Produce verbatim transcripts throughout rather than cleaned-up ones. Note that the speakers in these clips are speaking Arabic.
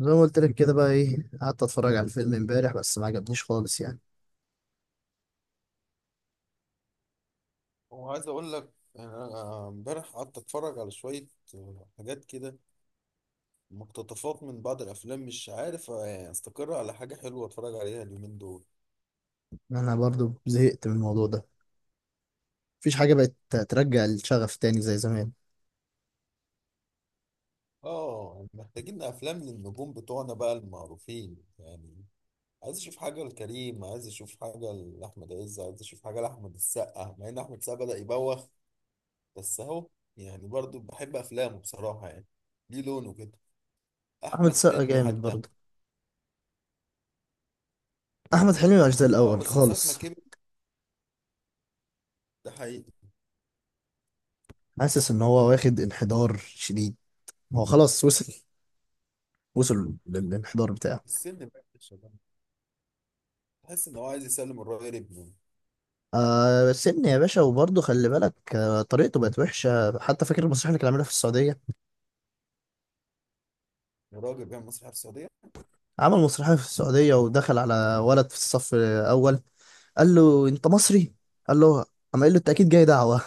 زي ما قلت لك كده بقى ايه قعدت اتفرج على الفيلم امبارح، بس ما عجبنيش خالص يعني. وعايز اقول لك يعني انا امبارح قعدت اتفرج على شويه آه، حاجات كده، مقتطفات من بعض الافلام. مش عارف يعني استقر على حاجه حلوه اتفرج عليها اليومين دول. انا برضو زهقت من الموضوع ده. مفيش حاجه بقت ترجع الشغف تاني زي زمان. اه محتاجين افلام للنجوم بتوعنا بقى المعروفين يعني. عايز اشوف حاجه لكريم، عايز اشوف حاجه لاحمد عز، عايز اشوف حاجه لاحمد السقا، مع ان احمد السقا بدا يبوخ بس اهو. يعني برضو بحب افلامه بصراحه يعني. ليه لونه كده؟ احمد احمد السقا حلمي جامد حتى، برضو. احمد حلمي مش زي اه الاول بس من ساعه ما خالص. كبر. ده حقيقي. حاسس ان هو واخد انحدار شديد. هو خلاص وصل. وصل للانحدار بتاعه. السن بقى يا شباب. تحس ان هو عايز يسلم الراجل ابنه. آه، سن يا باشا، وبرضه خلي بالك. آه طريقته بقت وحشه. حتى فاكر المسرحيه اللي كان عاملها في السعوديه. الراجل بيعمل مسرح في السعوديه. عمل مسرحيه في السعوديه ودخل على ولد في الصف الاول. قال له انت مصري. قال له قام قال له انت اكيد جاي دعوه.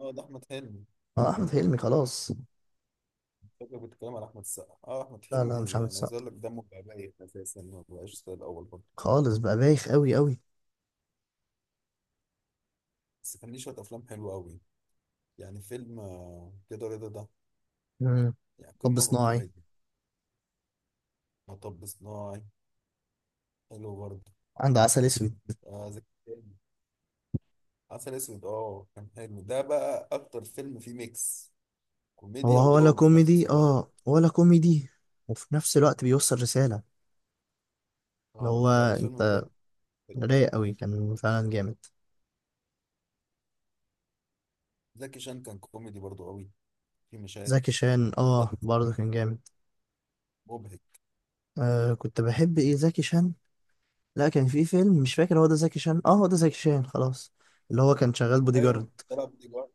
اه، ده احمد حلمي. اه، احمد حلمي خلاص. فاكر كنت بتكلم على احمد السقا، اه احمد لا لا، مش حلمي عامل يعني عايز اقول السقا لك دمه بقى بايت اساسا، ما بقاش زي الاول برضه. خالص، بقى بايخ قوي قوي. بس كان ليه شويه افلام حلوه قوي. يعني فيلم آه، كده رضا ده، مم. يعني طب قمه في صناعي. الكوميديا. مطب صناعي، حلو برضه. عنده عسل اسود. آه زكي شان. عسل اسود، اه كان حلو، ده بقى اكتر فيلم فيه ميكس هو كوميديا هو ولا ودراما في نفس كوميدي الوقت. اه ولا كوميدي، وفي نفس الوقت بيوصل رساله. اللي اه هو لا، الفيلم انت بجد حلو. رايق قوي كان فعلا جامد. زكي شان كان كوميدي برضه قوي في مشاهد زكي شان، اه برضه كان جامد. مبهج. آه كنت بحب ايه زكي شان. لا، كان في فيلم مش فاكر هو ده زكي شان اه هو ده زكي شان خلاص. اللي هو كان شغال بودي ايوه لما طلع بودي جارد،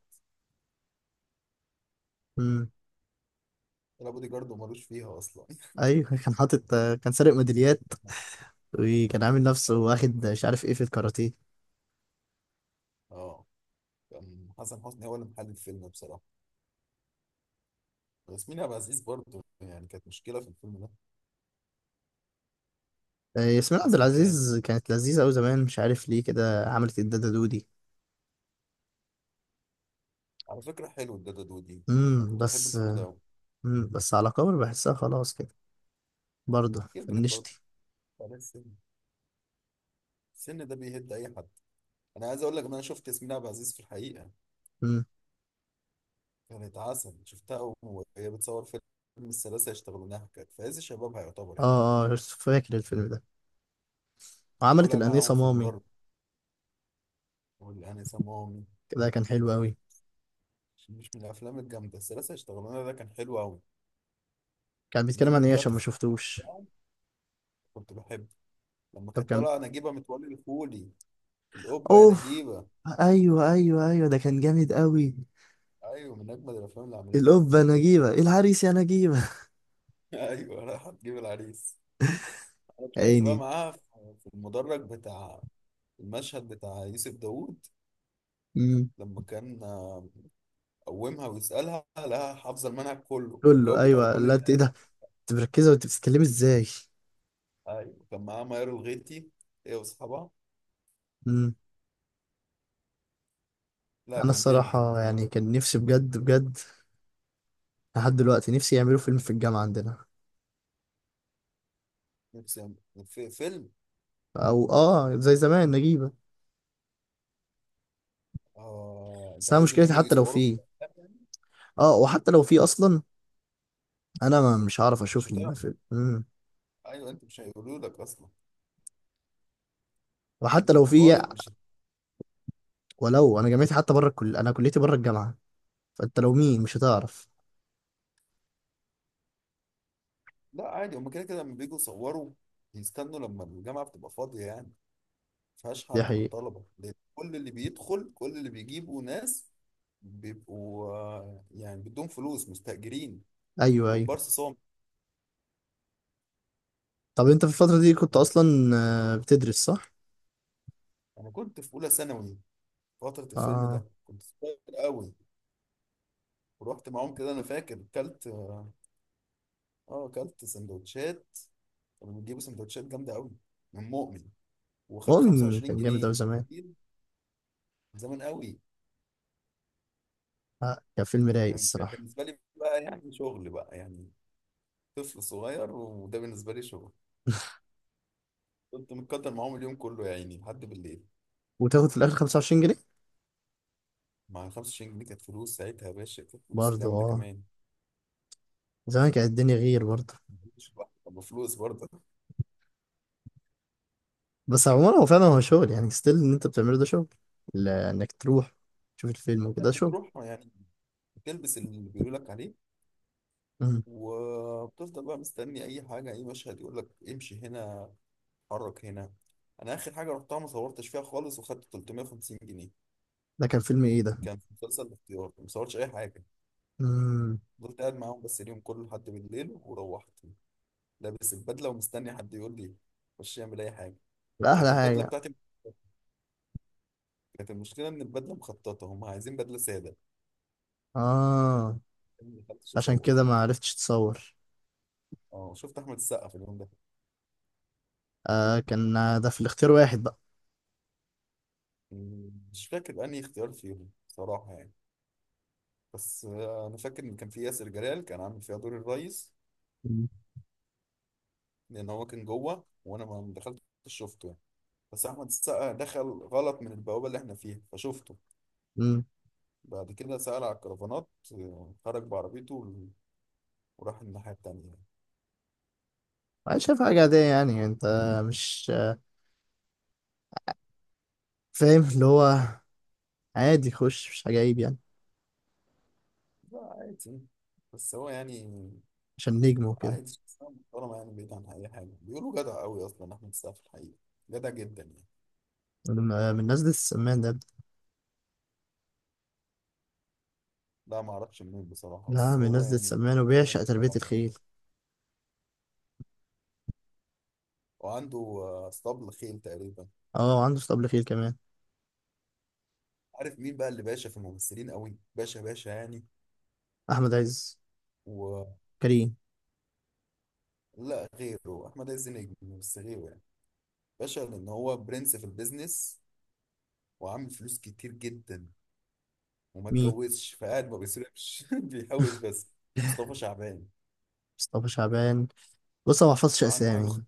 جارد. طلع بودي جارد ومالوش فيها اصلا. ايوه، كان حاطط. كان سارق ميداليات. وكان عامل نفسه واخد مش عارف ايه في الكاراتيه. اه، كان حسن حسني هو اللي محل الفيلم بصراحه. ياسمين عبد العزيز برضه يعني كانت مشكله في الفيلم ده. آه، ياسمين عبد حسن كان العزيز كانت لذيذة أوي زمان. مش عارف ليه كده عملت الدادة دودي. على فكره حلو الدادا دودي. انا امم كنت بحب بس. الفيلم ده قوي. امم بس، على كبر بحسها خلاص كده. برضه كبرت برضه، فنشتي. على السن. السن ده بيهد اي حد. انا عايز اقول لك ان انا شفت ياسمين عبد العزيز في الحقيقه، امم. كانت عسل. شفتها وهي بتصور فيلم الثلاثه يشتغلونها، كانت في عز شبابها يعتبر يعني. اه اه، فاكر الفيلم ده. وعملت طالع معاهم الأنيسة في مامي، المدرب واللي انا سموهم. كده كان حلو أوي. مش من الافلام الجامده؟ الثلاثه اشتغلنا ده كان حلو قوي. كان بيتكلم عن من ايه عشان طلعت ما في التلفزيون شفتوش. بتاعه، كنت بحبه. لما طب كانت كان. طالعه نجيبه متولي الخولي، الاوبا يا اوف. نجيبه. ايوه ايوه ايوه، ده كان جامد أوي. ايوه من اجمد الافلام اللي عملتها. الأوبا نجيبة العريس يا نجيبة. ايوه، راح تجيب العريس. انا طلعت بقى عيني. معاها في في المدرج بتاع المشهد بتاع يوسف داوود، لما كان آه، قومها ويسالها لها حافظه المنهج كله، لولو جاوبت على ايوه، كل لا اللي انت ايه قاله. ده؟ انت مركزه وانت بتتكلمي ازاي. ايوه كان معاها ميار الغيتي، هي واصحابها. امم. لا، انا كان جامد الصراحه الفيلم ده. يعني كان نفسي بجد بجد، لحد دلوقتي نفسي يعملوا فيلم في الجامعه عندنا. نفسي أعمل- في فيلم. او اه زي زمان نجيبه. اه، انت بس انا عايزهم مشكلتي يعملوا حتى لو يصوروا في في. الافلام يعني؟ اه، وحتى لو في اصلا، انا ما مش هعرف مش اشوف هتعرف. الفيلم. امم ايوه، انت مش هيقولوا لك اصلا. وحتى انت لو في. كطالب مش هت... ولو انا جامعتي حتى بره الكل، انا كليتي بره الجامعه. فانت لو مين مش هتعرف. لا عادي، هم كده كده لما بييجوا يصوروا بيستنوا لما الجامعه بتبقى فاضيه، يعني ما فيهاش دي حد من حقيقه. الطلبه، لأن كل اللي بيدخل كل اللي بيجيبوا ناس بيبقوا آه، يعني بدون فلوس، مستأجرين. ايوه ايوه. كومبارس صامت. طب انت في الفتره دي كنت اصلا آه، بتدرس صح؟ انا كنت في اولى ثانوي. فتره الفيلم اه، ده كنت صغير قوي. ورحت معاهم كده، انا فاكر كلت اه آه، كلت سندوتشات. كانوا بيجيبوا سندوتشات جامده قوي من مؤمن، وخد مؤمن 25 كان جامد اوي جنيه زمان. كتير، زمان قوي. آه، كان فيلم رايق يعني كان الصراحه. بالنسبه لي بقى يعني شغل بقى يعني. طفل صغير وده بالنسبه لي شغل. كنت متكتر معاهم اليوم كله يا عيني لحد بالليل. وتاخد في الاخر خمسة وعشرين جنيه. مع خمس وعشرين جنيه كانت فلوس ساعتها يا باشا، كانت فلوس برضه جامده اه، كمان. زمان كانت الدنيا غير برضه. ما كنتش لوحدي، طب فلوس برضه. بس عموما هو فعلا هو شغل يعني، ستيل ان انت بتعمله ده شغل، ل- انك تروح تشوف الفيلم وكده ده كانت شغل. بتروح يعني، بتلبس اللي بيقولوا لك عليه مم. وبتفضل بقى مستني اي حاجه، اي مشهد يقول لك امشي هنا، اتحرك هنا. انا اخر حاجه رحتها ما صورتش فيها خالص، وخدت ثلاثمية وخمسين جنيه. ده كان فيلم ايه ده؟ كان في مسلسل الاختيار، ما صورتش اي حاجه. امم. فضلت قاعد معاهم بس اليوم كله لحد بالليل وروحت. لابس البدله ومستني حد يقول لي خش اعمل اي حاجه. ده احلى كانت البدله حاجه. بتاعتي، كانت المشكله ان البدله مخططه، هم عايزين بدله ساده. اه، أنا ما دخلتش عشان اصور. كده ما عرفتش تصور. اه، شفت احمد السقا في اليوم ده. آه، كان ده في الاختيار واحد بقى. مم، مش فاكر انهي اختيار فيهم صراحه يعني. بس آه، انا فاكر ان كان في ياسر جلال، كان عامل فيها دور الريس. مم. لان هو كان جوه وانا ما ما دخلتش شفته يعني. بس احمد السقا دخل غلط من البوابه اللي احنا فيها، فشفته. مم. بعد كده سأل على الكرفانات، آه، خرج بعربيته و- وراح الناحيه التانيه. انا شايف حاجه عاديه يعني، انت مش آه، فاهم اللي هو، عادي خش، مش حاجه عيب يعني. لا عادي، بس هو يعني عشان نجم وكده. عادي، شخصيه محترمه يعني. بعيد عن اي حاجه بيقولوا جدع قوي اصلا احمد السقا في الحقيقه، جدع جدا يعني. من آه، من الناس دي السمان ده. لا، ما اعرفش منين بصراحه، لا، بس من ناس هو ذات يعني سمان، هو وبيعشق تربية محترم يعني. الخيل. وعنده آه، اسطبل خيل تقريبا. اه، وعنده اسطبل خيل كمان. عارف مين بقى اللي باشا في الممثلين قوي، باشا باشا يعني؟ أحمد عز، ولا كريم، غيره؟ احمد عز نجم بس غيره يعني. باشا، لان هو برنس في البيزنس، وعامل فلوس كتير جدا، وما مين؟ اتجوزش فقاعد ما بيصرفش بيحوش بس. مصطفى شعبان. مصطفى شعبان. بص، أنا ما بحفظش عنده حاجه خ... أسامي،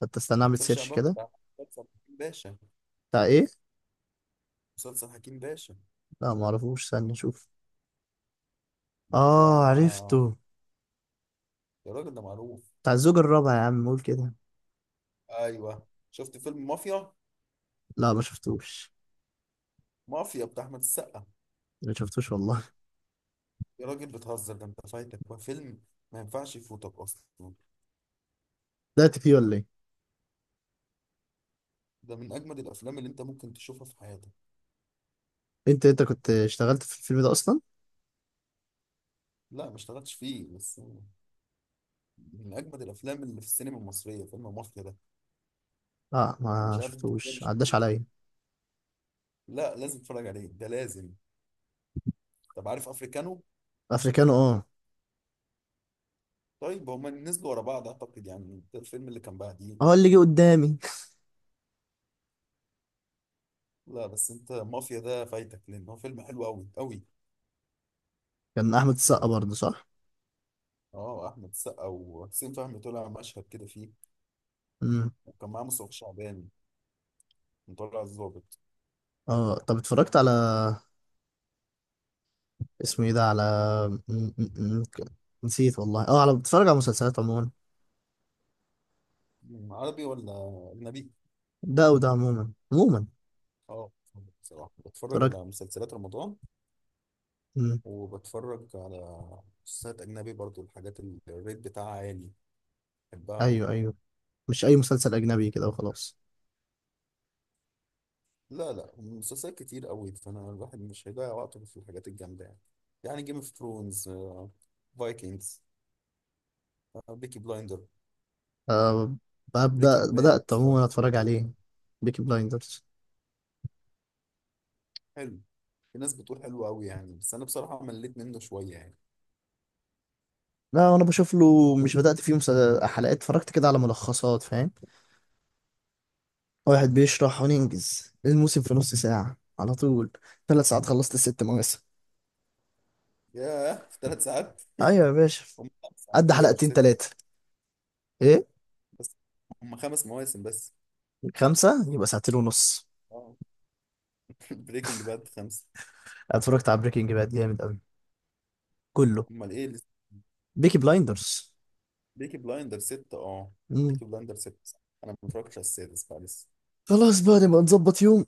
فأنت استنى أعمل مصطفى سيرش شعبان كده. بتاع مسلسل حكيم باشا. بتاع إيه؟ مسلسل حكيم باشا لا معرفوش، استنى أشوف. اه، بتاع، عرفته. يا راجل ده معروف. بتاع الزوج الرابع يا عم، قول كده. ايوه، شفت فيلم مافيا؟ لا، ما شفتوش. مافيا بتاع احمد السقا. ما شفتوش والله. يا راجل بتهزر، ده انت فايتك بقى فيلم ما ينفعش يفوتك اصلا. بدأت فيه ولا إيه؟ ده من اجمد الافلام اللي انت ممكن تشوفها في حياتك. أنت أنت كنت اشتغلت في الفيلم ده أصلا؟ لا ما اشتغلتش فيه، بس من اجمد الافلام اللي في السينما المصريه فيلم مافيا ده. لا، انا ما مش عارف انت ازاي شفتوش، مش عداش شفتوش. عليا. لا، لازم تتفرج عليه ده، لازم. طب عارف افريكانو؟ أفريكانو، اه. طيب هما نزلوا ورا بعض اعتقد يعني، ده الفيلم اللي كان بعديه. اه، اللي جه قدامي. لا بس انت مافيا ده فايتك، لان هو فيلم حلو قوي قوي. كان أحمد السقا برضه صح؟ اه احمد السقا وحسين فهمي، طلع مشهد كده فيه. امم. وكان معاه مصطفى شعبان مطلع الظابط. اه، طب اتفرجت على، اسمه ايه ده، على، م- م- م- نسيت والله. اه، على بتفرج على مسلسلات عموما، مم، عربي ولا اجنبي؟ ده وده عموما عموما. اه، بصراحه بتفرج اتفرجت. على مسلسلات رمضان، مم. وبتفرج على مسلسلات أجنبي برضو، الحاجات اللي الريت بتاعها عالي بحبها أوي. ايوه ايوه، مش اي مسلسل اجنبي كده وخلاص. لا لا، مسلسلات كتير أوي، فأنا الواحد مش هيضيع وقته في الحاجات الجامدة يعني. يعني جيم اوف ثرونز، فايكنجز، بيكي بلايندر، أه، بريكنج ببدأ باد. بدأت عموما اتفرج عليه. بيكي بلايندرز. حلو. في ناس بتقول حلو أوي يعني، بس أنا بصراحة مليت منه شوية يعني. لا انا بشوف له، مش بدأت فيه مسل- حلقات، اتفرجت كده على ملخصات فاهم. واحد بيشرح وننجز الموسم في نص ساعة على طول. ثلاث ساعات خلصت الست مواسم. ياه، في ثلاث ساعات؟ ايوه يا باشا. هم خمسة على قد فكرة، مش حلقتين ستة. ثلاثة، ايه. بس هم خمس مواسم بس. خمسة يبقى ساعتين ونص. اه. بريكنج باد خمسة. اتفرجت على بريكنج باد، جامد قوي كله. امال ايه. بيكي بلايندرز. بيكي بلايندر ست، اه. مم. بيكي بلايندر ست، انا ما اتفرجتش على السادس بقى لسه. خلاص بقى نبقى نظبط يوم،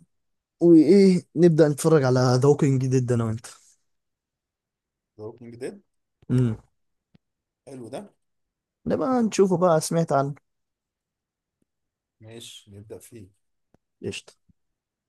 وايه نبدى نتفرج على ذا ووكينج ديد انا وانت. ذا ووكينج ديد، مم. حلو ده. نبقى نشوفه بقى، سمعت عنه. ماشي، نبدأ فيه. قشطة